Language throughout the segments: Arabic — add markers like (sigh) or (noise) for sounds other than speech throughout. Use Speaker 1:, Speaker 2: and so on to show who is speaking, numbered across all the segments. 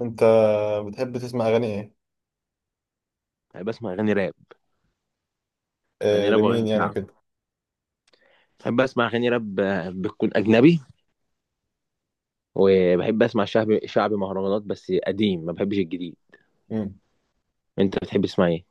Speaker 1: انت بتحب تسمع اغاني ايه؟
Speaker 2: بحب اسمع اغاني راب. اغاني
Speaker 1: آه،
Speaker 2: راب
Speaker 1: لمين
Speaker 2: واغاني
Speaker 1: يعني
Speaker 2: شعب.
Speaker 1: وكده.
Speaker 2: بحب اسمع اغاني راب، بتكون اجنبي. وبحب اسمع شعبي مهرجانات، بس قديم، ما بحبش الجديد.
Speaker 1: مم.
Speaker 2: انت بتحب تسمع ايه؟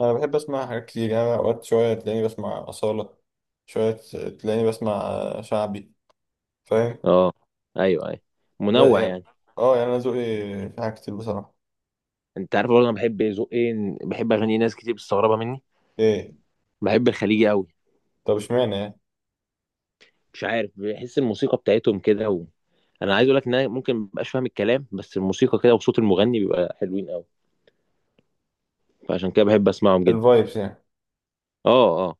Speaker 1: انا بحب اسمع حاجات كتير، يعني أنا اوقات شويه تلاقيني بسمع اصاله، شويه تلاقيني بسمع شعبي، فاهم؟
Speaker 2: اه، ايوه ايوه، منوع
Speaker 1: يعني،
Speaker 2: يعني.
Speaker 1: اه يعني انا ذوقي في حاجات كتير بصراحه.
Speaker 2: انت عارف برضه انا بحب ذوق ايه؟ بحب اغاني ناس كتير مستغربه مني.
Speaker 1: ايه؟
Speaker 2: بحب الخليجي قوي.
Speaker 1: طب اشمعنى يعني؟
Speaker 2: مش عارف، بحس الموسيقى بتاعتهم كده و... انا عايز اقول لك ان انا ممكن مبقاش فاهم الكلام، بس الموسيقى كده وصوت المغني بيبقى حلوين قوي. فعشان كده بحب اسمعهم جدا.
Speaker 1: الفايبس يعني.
Speaker 2: اه اه.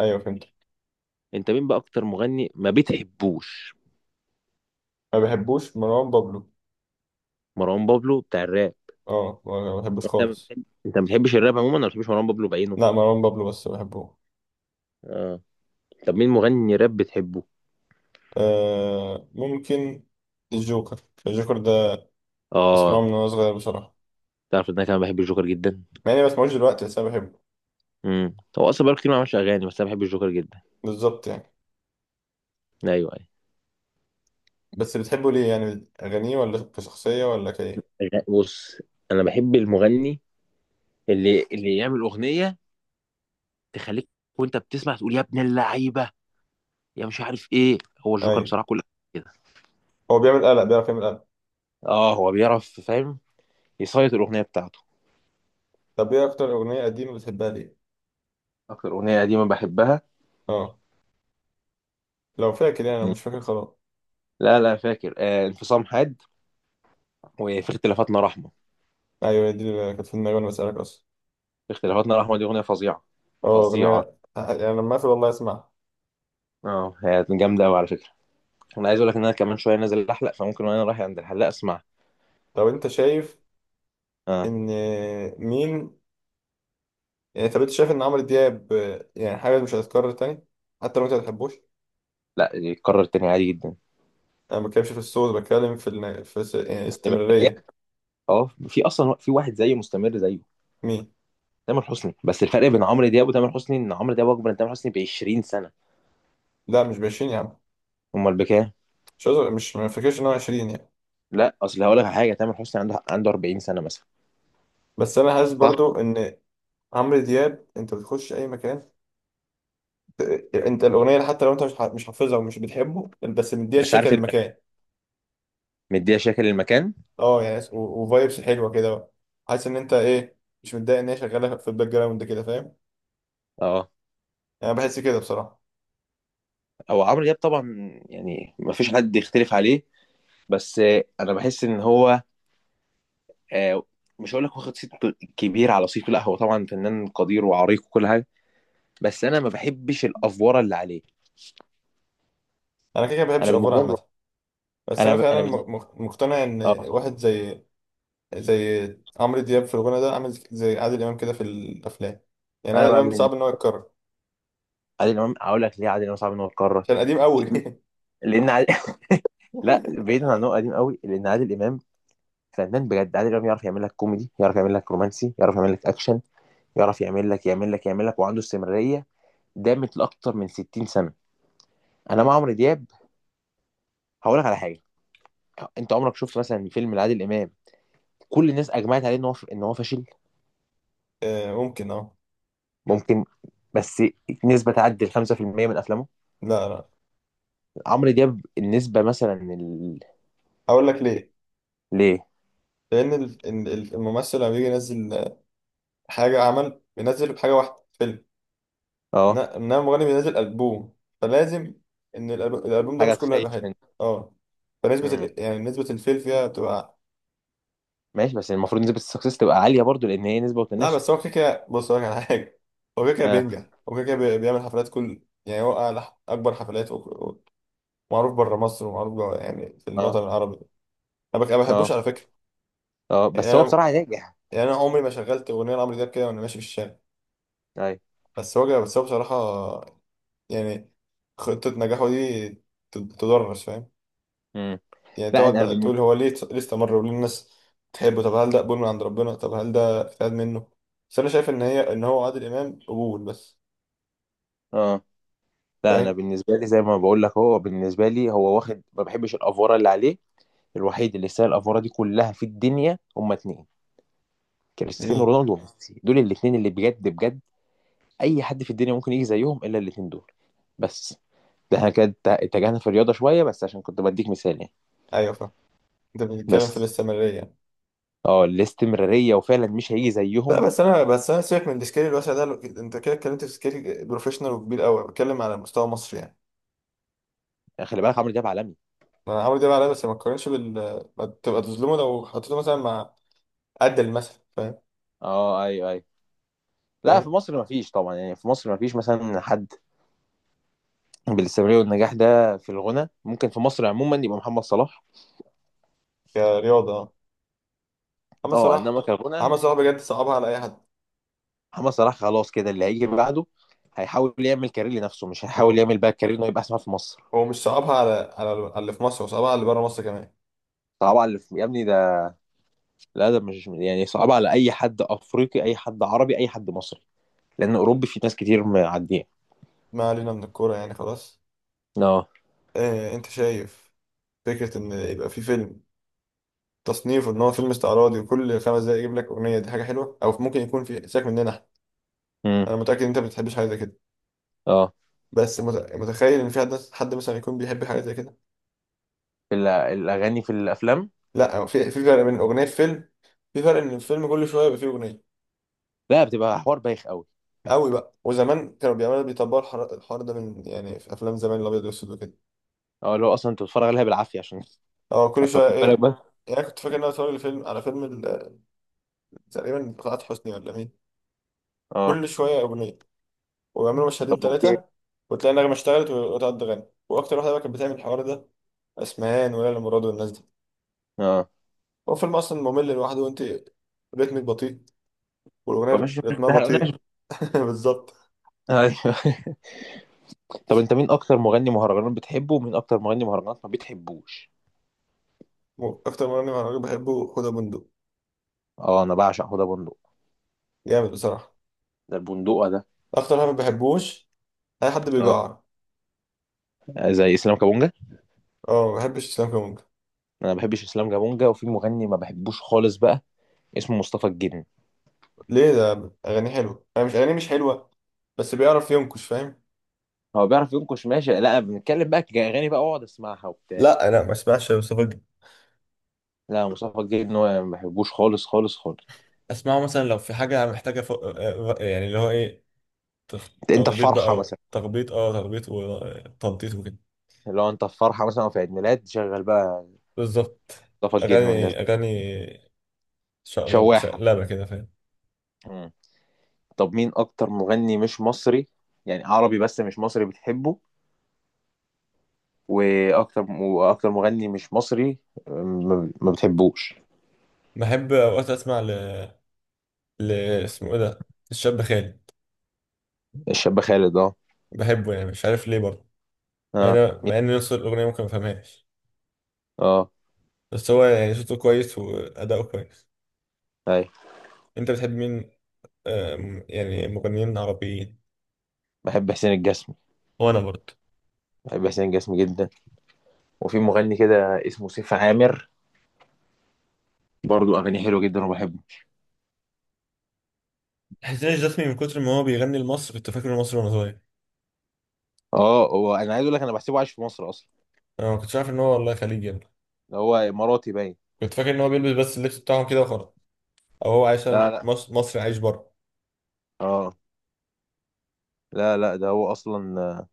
Speaker 1: ايوه، فهمت.
Speaker 2: انت مين بقى اكتر مغني ما بتحبوش؟
Speaker 1: ما بحبوش مروان بابلو.
Speaker 2: مروان بابلو بتاع الراب.
Speaker 1: اه، ما بحبوش
Speaker 2: انت ما
Speaker 1: خالص.
Speaker 2: بتحب، انت ما بتحبش الراب عموما ولا ما بتحبش مروان بابلو بعينه؟
Speaker 1: لا، مروان بابلو بس بحبه.
Speaker 2: اه. طب مين مغني راب بتحبه؟
Speaker 1: آه، ممكن الجوكر. الجوكر ده بسمعه
Speaker 2: اه.
Speaker 1: من وانا صغير بصراحه.
Speaker 2: تعرف ان انا كمان بحب الجوكر جدا.
Speaker 1: مع اني ما بسمعوش دلوقتي بس انا بحبه.
Speaker 2: امم، هو اصلا بقاله كتير ما عملش اغاني، بس انا بحب الجوكر جدا.
Speaker 1: بالظبط يعني.
Speaker 2: ايوه ايوه.
Speaker 1: بس بتحبه ليه؟ يعني أغانيه ولا كشخصية ولا كإيه؟
Speaker 2: بص، انا بحب المغني اللي يعمل اغنيه تخليك، وانت بتسمع تقول يا ابن اللعيبه، يا مش عارف ايه. هو الجوكر
Speaker 1: أيوة،
Speaker 2: بصراحه كل كده.
Speaker 1: هو بيعمل قلق، بيعرف يعمل قلق.
Speaker 2: اه، هو بيعرف، فاهم، يسيط الاغنيه بتاعته.
Speaker 1: طب إيه أكتر أغنية قديمة بتحبها ليه؟
Speaker 2: اكتر اغنيه قديمه بحبها؟
Speaker 1: أه، لو فاكر يعني. أنا مش فاكر خلاص.
Speaker 2: لا لا، فاكر، انفصام حاد، وفي اختلافاتنا رحمه.
Speaker 1: أيوة، هي دي اللي كانت في دماغي وأنا بسألك أصلا.
Speaker 2: اختلافاتنا الرحمة دي أغنية فظيعة.
Speaker 1: أه،
Speaker 2: فظيعة.
Speaker 1: أغنية يعني لما أقفل والله أسمعها.
Speaker 2: اه، هي جامدة أوي على فكرة. أنا عايز أقول لك إن أنا كمان شوية نازل أحلق، فممكن وأنا رايح عند الحلاق أسمعها.
Speaker 1: طب أنت شايف
Speaker 2: اه.
Speaker 1: إن مين يعني؟ طب أنت شايف إن عمرو دياب يعني حاجة مش هتتكرر تاني؟ حتى لو أنت ما بتحبوش.
Speaker 2: لا، يتكرر تاني عادي جدا.
Speaker 1: أنا ما بتكلمش في الصوت، بتكلم في يعني
Speaker 2: بس بداية.
Speaker 1: استمرارية.
Speaker 2: اه، في أصلا في واحد زيه مستمر زيه.
Speaker 1: مين؟
Speaker 2: تامر حسني. بس الفرق بين عمرو دياب وتامر حسني إن عمرو دياب أكبر من تامر حسني ب 20 سنة.
Speaker 1: لا، مش بـ20 يا عم.
Speaker 2: أمال بكام؟
Speaker 1: مش ما فاكرش إن هو 20.
Speaker 2: لا أصل هقول لك على حاجة، تامر حسني عنده 40 سنة مثلا.
Speaker 1: بس انا حاسس برضو
Speaker 2: صح.
Speaker 1: ان عمرو دياب، انت بتخش اي مكان. ت- انت الاغنيه حتى لو انت مش حافظها ومش بتحبه، بس مديها
Speaker 2: بس
Speaker 1: الشكل
Speaker 2: عارف اللي
Speaker 1: للمكان.
Speaker 2: مديها شكل المكان.
Speaker 1: اه يعني، وفايبس حلوه كده بقى. حاسس ان انت ايه، مش متضايق ان هي شغاله في الباك جراوند كده، فاهم؟
Speaker 2: اه،
Speaker 1: يعني انا بحس كده بصراحه.
Speaker 2: هو عمرو دياب طبعا، يعني ما فيش حد يختلف عليه. بس انا بحس ان هو، آه، مش هقول لك واخد صيت كبير على صيته، لا هو طبعا فنان قدير وعريق وكل حاجه. بس انا ما بحبش الافوره اللي عليه.
Speaker 1: انا كده كده ما بحبش
Speaker 2: انا
Speaker 1: الافوار
Speaker 2: بالنسبه لي.
Speaker 1: عامه. بس انا
Speaker 2: انا
Speaker 1: فعلا
Speaker 2: بالنسبه.
Speaker 1: مقتنع ان
Speaker 2: اه.
Speaker 1: واحد زي عمرو دياب في الغنى ده، عامل زي عادل امام كده في الافلام. يعني
Speaker 2: انا
Speaker 1: عادل
Speaker 2: بقى
Speaker 1: امام
Speaker 2: من
Speaker 1: صعب ان هو يتكرر.
Speaker 2: عادل امام هقول لك ليه عادل امام صعب ان هو يتكرر.
Speaker 1: عشان قديم قوي. (laughs)
Speaker 2: لان عادل... (laughs) لا، بعيدا عن انه قديم قوي، لان عادل امام فنان بجد. عادل امام يعرف يعمل لك كوميدي، يعرف يعمل لك رومانسي، يعرف يعمل لك اكشن، يعرف يعمل لك، وعنده استمراريه دامت لاكتر من 60 سنه. انا مع عمرو دياب هقول لك على حاجه. انت عمرك شفت مثلا فيلم لعادل امام كل الناس اجمعت عليه ان هو فاشل؟
Speaker 1: آه، ممكن اه.
Speaker 2: ممكن. بس نسبه تعدي ال 5% من افلامه.
Speaker 1: لا لا،
Speaker 2: عمرو دياب النسبه مثلا ال...
Speaker 1: اقول لك ليه.
Speaker 2: ليه؟
Speaker 1: لان الممثل لما بيجي ينزل حاجه، عمل بينزل بحاجه واحده فيلم.
Speaker 2: اه،
Speaker 1: انما المغني بينزل البوم، فلازم ان الالبوم ده
Speaker 2: حاجه
Speaker 1: مش كله
Speaker 2: تخيش
Speaker 1: هيبقى حلو.
Speaker 2: من.
Speaker 1: اه فنسبه
Speaker 2: مم.
Speaker 1: يعني نسبه الفيل فيها بتبقى.
Speaker 2: ماشي، بس المفروض نسبه السكسس تبقى عاليه برضو، لان هي نسبه
Speaker 1: لا
Speaker 2: وتناسب.
Speaker 1: بس هو كده كده، بص هقول لك على حاجه. هو كده كده
Speaker 2: اه
Speaker 1: بينجح، هو كده كده بيعمل حفلات كل، يعني هو أعلى اكبر حفلات ومعروف بره مصر ومعروف جوه يعني في الوطن
Speaker 2: اه
Speaker 1: العربي. أنا ما بحبوش
Speaker 2: اه
Speaker 1: على فكره.
Speaker 2: اه،
Speaker 1: يعني
Speaker 2: بس هو
Speaker 1: انا
Speaker 2: بصراحه ناجح.
Speaker 1: يعني انا عمري ما شغلت اغنيه لعمرو دياب كده وانا ماشي في الشارع.
Speaker 2: ايوه.
Speaker 1: بس هو بصراحه، يعني خطة نجاحه دي تدرس، فاهم؟
Speaker 2: مم.
Speaker 1: يعني
Speaker 2: لا
Speaker 1: تقعد
Speaker 2: انا
Speaker 1: بقى
Speaker 2: بال...
Speaker 1: تقول هو ليه استمر وليه الناس تحبه، طب هل ده قبول من عند ربنا، طب هل ده اجتهاد منه. بس انا شايف ان هو عادل امام قبول بس،
Speaker 2: اه. لا، انا
Speaker 1: فاهم؟
Speaker 2: بالنسبه لي، زي ما بقول لك، هو بالنسبه لي هو واخد، ما بحبش الافوره اللي عليه. الوحيد اللي يستاهل الافوره دي كلها في الدنيا هما اتنين: كريستيانو
Speaker 1: مين؟
Speaker 2: رونالدو وميسي. دول الاتنين اللي بجد بجد. اي حد في الدنيا ممكن يجي زيهم الا الاتنين دول. بس ده احنا كده اتجهنا في الرياضه شويه، بس عشان كنت بديك مثال يعني.
Speaker 1: ايوه، فاهم. انت بتتكلم في
Speaker 2: بس
Speaker 1: الاستمرارية يعني.
Speaker 2: اه، الاستمراريه، وفعلا مش هيجي
Speaker 1: لا
Speaker 2: زيهم.
Speaker 1: بس انا سيبك من السكيل الواسع ده. انت كده اتكلمت في سكيل بروفيشنال وكبير قوي، بتكلم على مستوى مصر يعني.
Speaker 2: يعني خلي بالك عمرو دياب عالمي.
Speaker 1: انا عمرو دياب عليا، بس ما تقارنش بال، ما تبقى تظلمه لو حطيته مثلا مع قد المثل، فاهم؟
Speaker 2: اه، ايوه ايوه. لا،
Speaker 1: فاهم.
Speaker 2: في مصر ما فيش طبعا، يعني في مصر ما فيش مثلا حد بالاستمراريه والنجاح ده في الغنى. ممكن في مصر عموما يبقى محمد صلاح.
Speaker 1: كرياضة، محمد
Speaker 2: اه،
Speaker 1: صلاح.
Speaker 2: انما
Speaker 1: محمد
Speaker 2: كغنى.
Speaker 1: صلاح بجد صعبها على اي حد.
Speaker 2: محمد صلاح خلاص كده. اللي هيجي بعده هيحاول يعمل كارير لنفسه، مش هيحاول
Speaker 1: هو
Speaker 2: يعمل بقى كارير انه يبقى اسمها في مصر.
Speaker 1: هو مش صعبها على اللي في مصر، هو صعبها على اللي بره مصر كمان.
Speaker 2: طبعا يا ابني، لا ده مش يعني صعب على اي حد افريقي، اي حد عربي، اي حد مصري، لان اوروبي في ناس كتير معديه.
Speaker 1: ما علينا من الكوره يعني خلاص.
Speaker 2: اه.
Speaker 1: إيه انت شايف فكره ان يبقى في فيلم تصنيفه ان هو فيلم استعراضي وكل 5 دقايق يجيب لك اغنيه؟ دي حاجه حلوه، او ممكن يكون في سيبك مننا احنا.
Speaker 2: امم
Speaker 1: انا متاكد ان انت ما بتحبش حاجه زي كده،
Speaker 2: اه.
Speaker 1: بس متخيل ان في حد مثلا يكون بيحب حاجه زي كده.
Speaker 2: في الاغاني في الافلام.
Speaker 1: لا هو في في فرق بين اغنيه في فيلم، في فرق ان الفيلم كل شويه يبقى فيه اغنيه
Speaker 2: لا، بتبقى حوار بايخ قوي.
Speaker 1: قوي بقى. وزمان كانوا بيعملوا بيطبقوا الحوار ده من، يعني في افلام زمان الابيض والاسود وكده.
Speaker 2: اه، اللي هو اصلا انت بتتفرج عليها بالعافيه عشان
Speaker 1: اه كل
Speaker 2: ففي
Speaker 1: شويه
Speaker 2: (laughs) بالك
Speaker 1: ايه،
Speaker 2: بس.
Speaker 1: يعني كنت فاكر ان انا اتفرج على فيلم تقريبا بتاعت حسني ولا مين.
Speaker 2: اه.
Speaker 1: كل شويه اغنيه، ويعملوا مشهدين
Speaker 2: طب اوكي.
Speaker 1: ثلاثه، وتلاقي النغمه اشتغلت وتقعد تغني. واكتر واحده بقى كانت بتعمل الحوار ده اسمهان وليلى مراد والناس دي.
Speaker 2: اه.
Speaker 1: هو فيلم اصلا ممل لوحده، وانت رتمك بطيء والاغنيه
Speaker 2: فمش
Speaker 1: رتمها
Speaker 2: مستاهل،
Speaker 1: بطيء.
Speaker 2: ايوه.
Speaker 1: (laughs) بالظبط.
Speaker 2: (laughs) طب انت مين اكتر مغني مهرجانات بتحبه، ومين اكتر مغني مهرجانات ما بتحبوش؟
Speaker 1: اكتر مغني مهرجان بحبه حوده بندق،
Speaker 2: اه، انا بعشق حوده بندق.
Speaker 1: جامد بصراحه.
Speaker 2: ده البندقه ده.
Speaker 1: اكتر واحد ما بحبوش اي حد
Speaker 2: اه،
Speaker 1: بيجعر.
Speaker 2: زي اسلام كابونجا.
Speaker 1: اه، ما بحبش اسلام كمان.
Speaker 2: انا ما بحبش اسلام كابونجا، وفي مغني ما بحبوش خالص بقى اسمه مصطفى الجن.
Speaker 1: ليه؟ ده اغاني حلوه. انا مش اغاني مش حلوه، بس بيعرف ينكش، فاهم؟
Speaker 2: هو بيعرف ينكش ماشي، لا بنتكلم بقى كأغاني بقى اقعد اسمعها وبتاع.
Speaker 1: لا انا ما اسمعش مصطفى
Speaker 2: لا، مصطفى الجديد ان هو ما بحبوش خالص خالص خالص.
Speaker 1: اسمعه مثلا لو في حاجه محتاجه ف... آه، يعني اللي هو ايه.
Speaker 2: انت، أنت في
Speaker 1: تخبيط
Speaker 2: فرحه
Speaker 1: بقى،
Speaker 2: مثلا،
Speaker 1: تخبيط وتنطيط وكده.
Speaker 2: لو انت في فرحه مثلا أو في عيد ميلاد، شغل بقى
Speaker 1: بالظبط.
Speaker 2: مصطفى الجديد والناس دي.
Speaker 1: اغاني اغاني، شقلبه
Speaker 2: شواحه.
Speaker 1: شقلبه كده، فاهم؟
Speaker 2: مم. طب مين اكتر مغني مش مصري، يعني عربي بس مش مصري، بتحبه؟ واكتر، واكتر مغني مش مصري ما، ما بتحبوش؟
Speaker 1: بحب اوقات اسمع ل... ل اسمه ايه ده، الشاب خالد.
Speaker 2: الشاب خالد، اه
Speaker 1: بحبه يعني، مش عارف ليه برضه. مع
Speaker 2: اه.
Speaker 1: ان
Speaker 2: مين؟
Speaker 1: نص الاغنيه ممكن ما فهمهاش،
Speaker 2: اه،
Speaker 1: بس هو يعني صوته كويس واداؤه كويس.
Speaker 2: ايوه.
Speaker 1: انت بتحب مين؟ يعني مغنيين عربيين.
Speaker 2: بحب حسين الجسمي.
Speaker 1: وانا برضه.
Speaker 2: بحب حسين الجسمي جدا. وفي مغني كده اسمه سيف عامر، برضو اغاني حلوه جدا وبحبه.
Speaker 1: حسين الجسمي من كتر ما هو بيغني لمصر، كنت فاكر انه مصري وانا صغير.
Speaker 2: اه، هو انا عايز اقول لك انا بحسبه عايش في مصر اصلا.
Speaker 1: انا ما كنتش عارف ان هو والله خليجي يعني.
Speaker 2: ده هو اماراتي باين.
Speaker 1: كنت فاكر ان هو بيلبس بس اللبس بتاعهم كده وخلاص، او هو عايش
Speaker 2: لا لا.
Speaker 1: مصر، مصري عايش بره.
Speaker 2: اه. لا لا، ده هو اصلا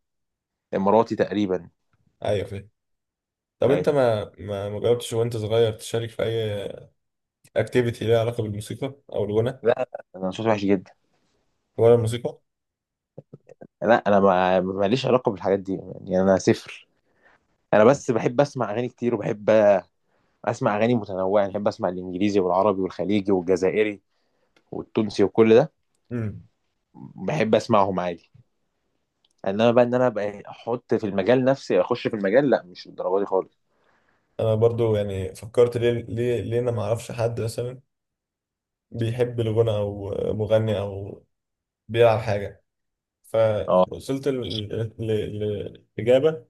Speaker 2: اماراتي تقريبا.
Speaker 1: ايوه، فاهم. طب انت
Speaker 2: ايوه.
Speaker 1: ما جربتش وانت صغير، تشارك في اي اكتيفيتي ليها علاقه بالموسيقى او الغنى
Speaker 2: لا، انا صوتي وحش جدا.
Speaker 1: ولا الموسيقى؟
Speaker 2: لا، انا ما ماليش علاقه بالحاجات دي، يعني انا صفر. انا بس بحب اسمع اغاني كتير، وبحب اسمع اغاني متنوعه. يعني بحب اسمع الانجليزي والعربي والخليجي والجزائري والتونسي وكل ده.
Speaker 1: امم.
Speaker 2: بحب اسمعهم عادي. انما بقى ان انا بقى احط في المجال، نفسي اخش في المجال، لا مش الدرجه دي خالص.
Speaker 1: انا برضو يعني فكرت ليه انا ما اعرفش حد مثلا بيحب الغنى او مغني او بيلعب حاجه؟
Speaker 2: اه
Speaker 1: فوصلت للإجابة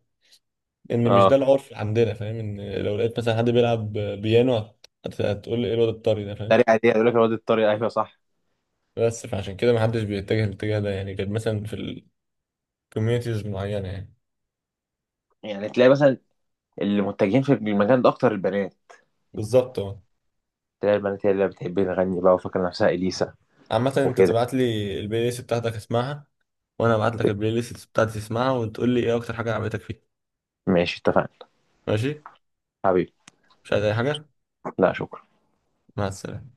Speaker 1: إن مش ده
Speaker 2: اه،
Speaker 1: العرف اللي عندنا، فاهم؟ إن لو لقيت مثلا حد بيلعب بيانو، هتقول لي إيه الواد الطري ده، فاهم؟
Speaker 2: الطريقه دي، يقول لك الواد الطريقه، ايوه صح.
Speaker 1: بس فعشان كده محدش بيتجه الاتجاه ده، يعني غير مثلا في الكوميونيتيز معينة يعني.
Speaker 2: يعني تلاقي مثلا اللي متجهين في المكان ده اكتر البنات.
Speaker 1: بالظبط، أه.
Speaker 2: تلاقي البنات هي اللي بتحب تغني بقى وفاكره نفسها اليسا،
Speaker 1: عامة أنت
Speaker 2: وكده.
Speaker 1: تبعت لي البلاي ليست بتاعتك أسمعها، وأنا أبعت لك البلاي ليست بتاعتي تسمعها وتقول لي إيه أكتر حاجة عجبتك فيها.
Speaker 2: ماشي، اتفقنا.
Speaker 1: ماشي؟
Speaker 2: حبيبي.
Speaker 1: مش عايز أي حاجة؟
Speaker 2: لا شكرا.
Speaker 1: مع السلامة.